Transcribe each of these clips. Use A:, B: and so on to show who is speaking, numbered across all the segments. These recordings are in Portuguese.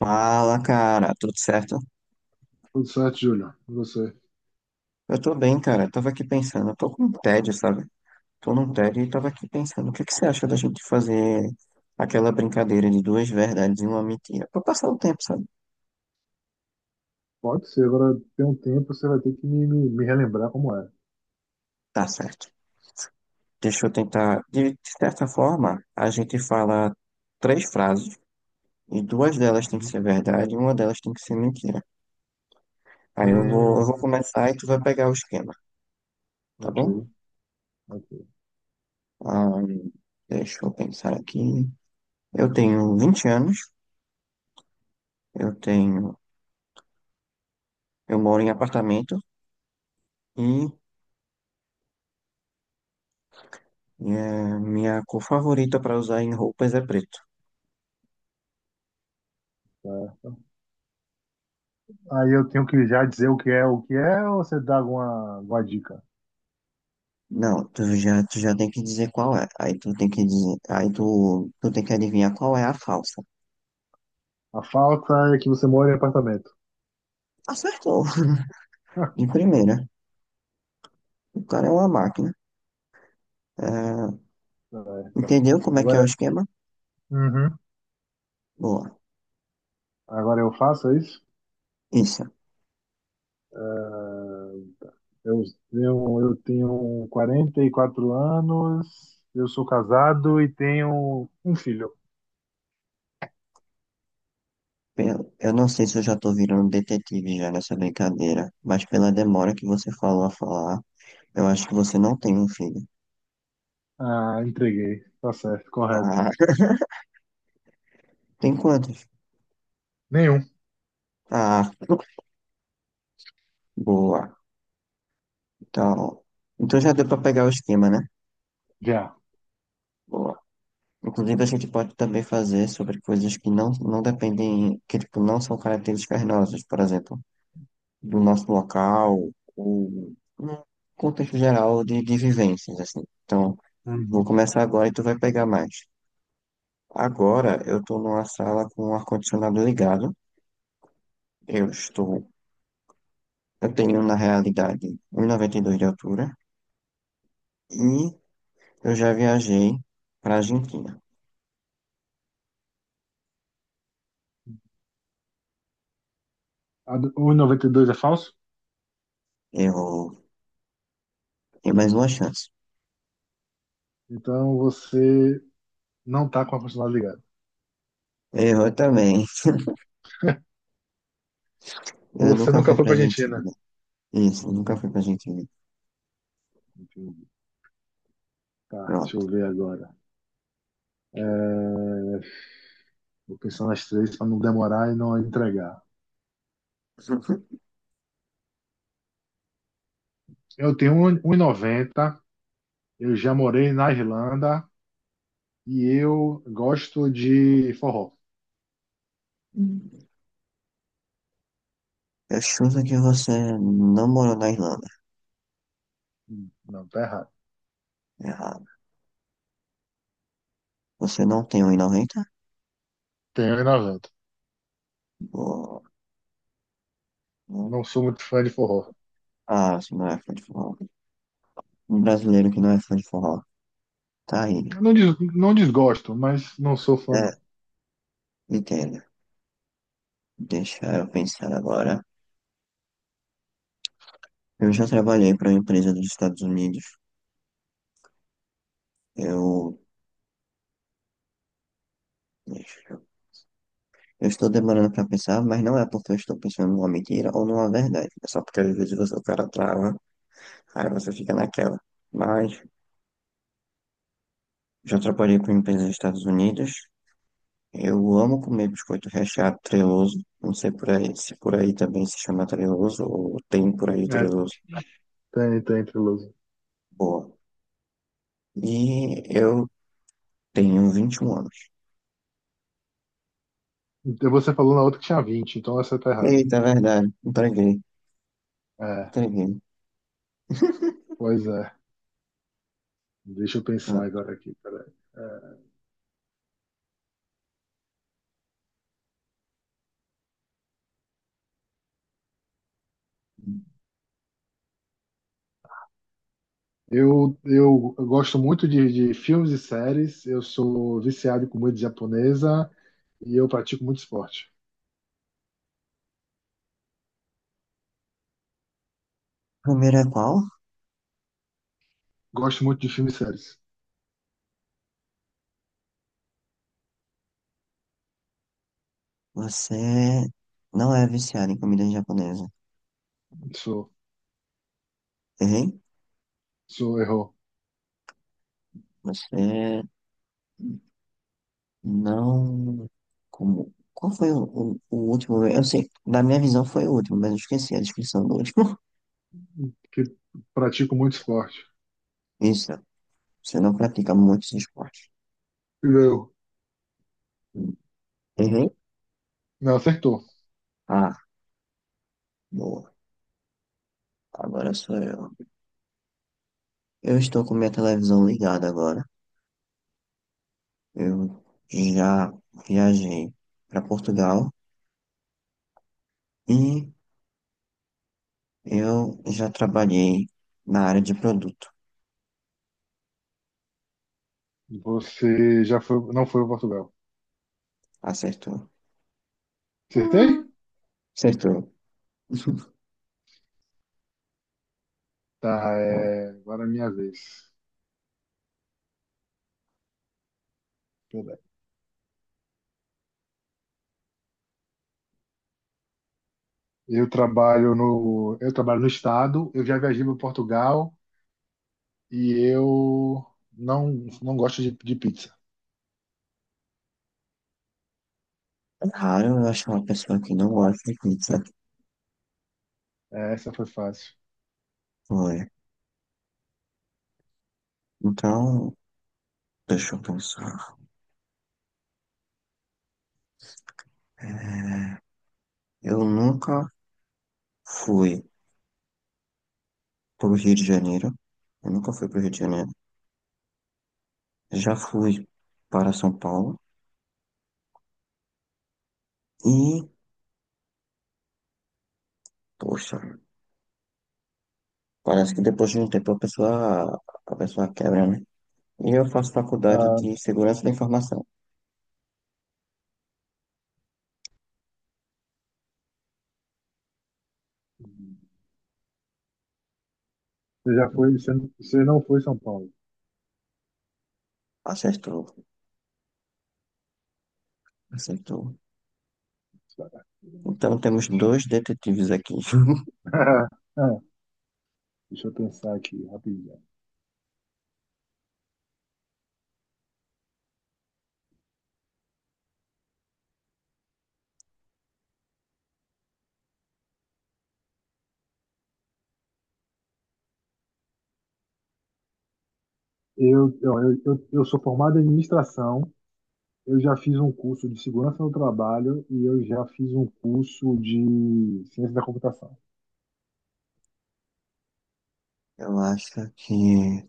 A: Fala, cara, tudo certo?
B: Tudo certo, Júlia. E você?
A: Eu tô bem, cara. Eu tava aqui pensando, eu tô com um tédio, sabe? Tô num tédio e tava aqui pensando, o que que você acha da gente fazer aquela brincadeira de duas verdades e uma mentira? Pra passar o tempo, sabe?
B: Pode ser, agora tem um tempo, você vai ter que me relembrar como é.
A: Tá certo. Deixa eu tentar. De certa forma, a gente fala três frases e duas delas tem que
B: Uhum.
A: ser verdade e uma delas tem que ser mentira. Aí eu vou, eu
B: Hum,
A: vou começar e tu vai pegar o esquema, tá
B: ok,
A: bom?
B: ok.
A: Ah, deixa eu pensar aqui. Eu tenho 20 anos, eu tenho eu moro em apartamento e é, minha cor favorita para usar em roupas é preto.
B: Certo. Aí eu tenho que já dizer o que é, ou você dá alguma dica?
A: Não, tu já tem que dizer qual é. Aí tu tem que dizer, aí tu tem que adivinhar qual é a falsa.
B: A falta é que você mora em apartamento.
A: Acertou. Em primeira, o cara é uma máquina. É,
B: Certo.
A: entendeu como é que é o
B: Agora,
A: esquema?
B: uhum.
A: Boa.
B: Agora eu faço é isso?
A: Isso.
B: Eh, eu eu tenho 44 anos, eu sou casado e tenho um filho.
A: Eu não sei se eu já tô virando detetive já nessa brincadeira, mas pela demora que você falou a falar, eu acho que você não tem um filho.
B: Ah, entreguei. Tá certo, correto.
A: Ah, tem quantos?
B: Nenhum.
A: Ah, boa. Então, então já deu para pegar o esquema, né?
B: Já.
A: Boa. Inclusive, a gente pode também fazer sobre coisas que não dependem, que tipo, não são características nossas, por exemplo, do nosso local, ou no contexto geral de vivências, assim. Então, vou
B: Uhum.
A: começar agora e tu vai pegar mais. Agora, eu estou numa sala com o ar-condicionado ligado. Eu estou, eu tenho, na realidade, 1,92 de altura e eu já viajei para a Argentina.
B: O 92 é falso?
A: Eu tenho mais uma chance.
B: Então você não tá com a constitucional ligada.
A: Eu também.
B: Ou
A: Eu
B: você
A: nunca
B: nunca
A: fui
B: foi
A: pra
B: pra Argentina.
A: Argentina. Isso, eu nunca
B: Hum,
A: fui pra Argentina.
B: entendi. Tá, deixa eu
A: Pronto.
B: ver agora. Vou pensar nas três para não demorar e não entregar. Eu tenho um 1,90. Eu já morei na Irlanda. E eu gosto de forró.
A: Eu chuto que você não morou na Irlanda.
B: Não, tá errado.
A: Errado. Você não tem 1,90?
B: Tenho um 1,90.
A: Ou- ou-
B: Não sou muito fã de forró.
A: Ah, você não é fã de forró. Um brasileiro que não é fã de forró. Tá aí.
B: Eu não, não desgosto, mas não sou fã,
A: É,
B: não.
A: entendo. Deixa eu pensar agora. Eu já trabalhei para uma empresa dos Estados Unidos. Eu. Deixa eu. Eu estou demorando para pensar, mas não é porque eu estou pensando numa mentira ou numa verdade. É só porque às vezes o cara trava. Aí você fica naquela. Mas já trabalhei com empresas nos Estados Unidos. Eu amo comer biscoito recheado treloso. Não sei por aí, se por aí também se chama treloso ou tem por aí
B: É,
A: treloso.
B: tem, tem, Triloso.
A: Boa. E eu tenho 21 anos.
B: Então você falou na outra que tinha 20, então essa tá errada.
A: Eita, verdade. Entreguei.
B: É,
A: Entreguei.
B: pois é. Deixa eu pensar
A: Pronto.
B: agora aqui, peraí. Eu gosto muito de filmes e séries, eu sou viciado em comida japonesa e eu pratico muito esporte.
A: Primeiro é qual?
B: Gosto muito de filmes e séries.
A: Você não é viciado em comida japonesa.
B: Sou,
A: Errei?
B: sou errou.
A: Você não. Como... Qual foi o último? Eu sei, da minha visão foi o último, mas eu esqueci a descrição do último.
B: Que pratico muito esporte.
A: Isso, você não pratica muitos esportes.
B: Não,
A: Errei?
B: não acertou.
A: Ah, boa. Agora sou eu. Eu estou com minha televisão ligada agora. Eu já viajei para Portugal e eu já trabalhei na área de produto.
B: Você já foi, não foi para Portugal.
A: Acertou.
B: Acertei?
A: Hum. Acertou.
B: Tá,
A: Bom,
B: é, agora é minha vez. Eu trabalho no estado, eu já viajei para Portugal e eu não, não gosto de pizza.
A: é raro eu achar uma pessoa que não gosta de pizza.
B: É, essa foi fácil.
A: Foi. Então, deixa eu pensar. É, eu nunca fui pro Rio de Janeiro. Eu nunca fui pro Rio de Janeiro. Já fui para São Paulo. E, poxa, parece que depois de um tempo a pessoa quebra, né? E eu faço faculdade
B: Ah,
A: de segurança da informação.
B: você já foi, você, você não foi em São Paulo.
A: Acertou, acertou. Então temos dois detetives aqui.
B: Ah, deixa eu pensar aqui rapidinho. Eu sou formado em administração, eu já fiz um curso de segurança no trabalho e eu já fiz um curso de ciência da computação.
A: Eu acho que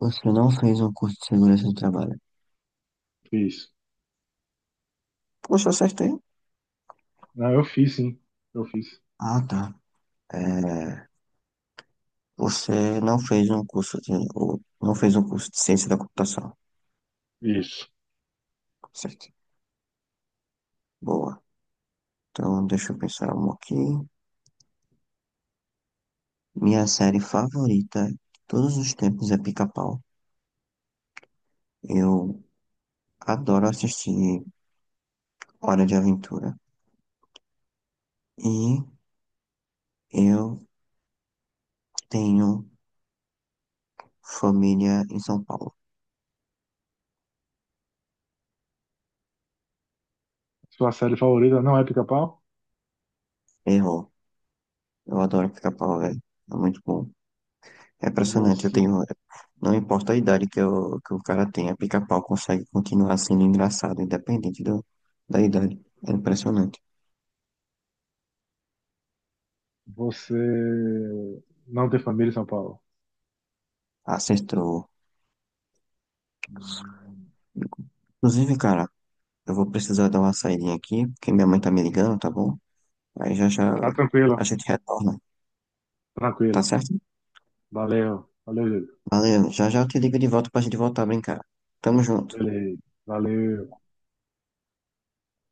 A: você não fez um curso de segurança do trabalho.
B: Fiz.
A: Poxa, acertei.
B: Não, eu fiz, sim. Eu fiz.
A: Ah, tá. É, você não fez um curso de, ou não fez um curso de ciência da computação,
B: Isso.
A: certo? Boa. Então, deixa eu pensar um aqui. Minha série favorita de todos os tempos é Pica-Pau. Eu adoro assistir Hora de Aventura. E eu tenho família em São Paulo.
B: Sua série favorita não é Pica-Pau?
A: Errou. Eu adoro Pica-Pau, velho. É muito bom. É impressionante, eu
B: Você,
A: tenho. Não importa a idade que o cara tenha, pica-pau consegue continuar sendo engraçado, independente da idade. É impressionante.
B: você não tem família em São Paulo.
A: Acertou.
B: Hum,
A: Inclusive, cara, eu vou precisar dar uma saidinha aqui, porque minha mãe tá me ligando, tá bom? Aí já já
B: Tá tranquilo,
A: a gente retorna, tá
B: tranquilo.
A: certo?
B: Valeu, valeu, Júlio.
A: Valeu, já já eu te ligo de volta pra gente voltar a brincar. Tamo junto.
B: Beleza, valeu.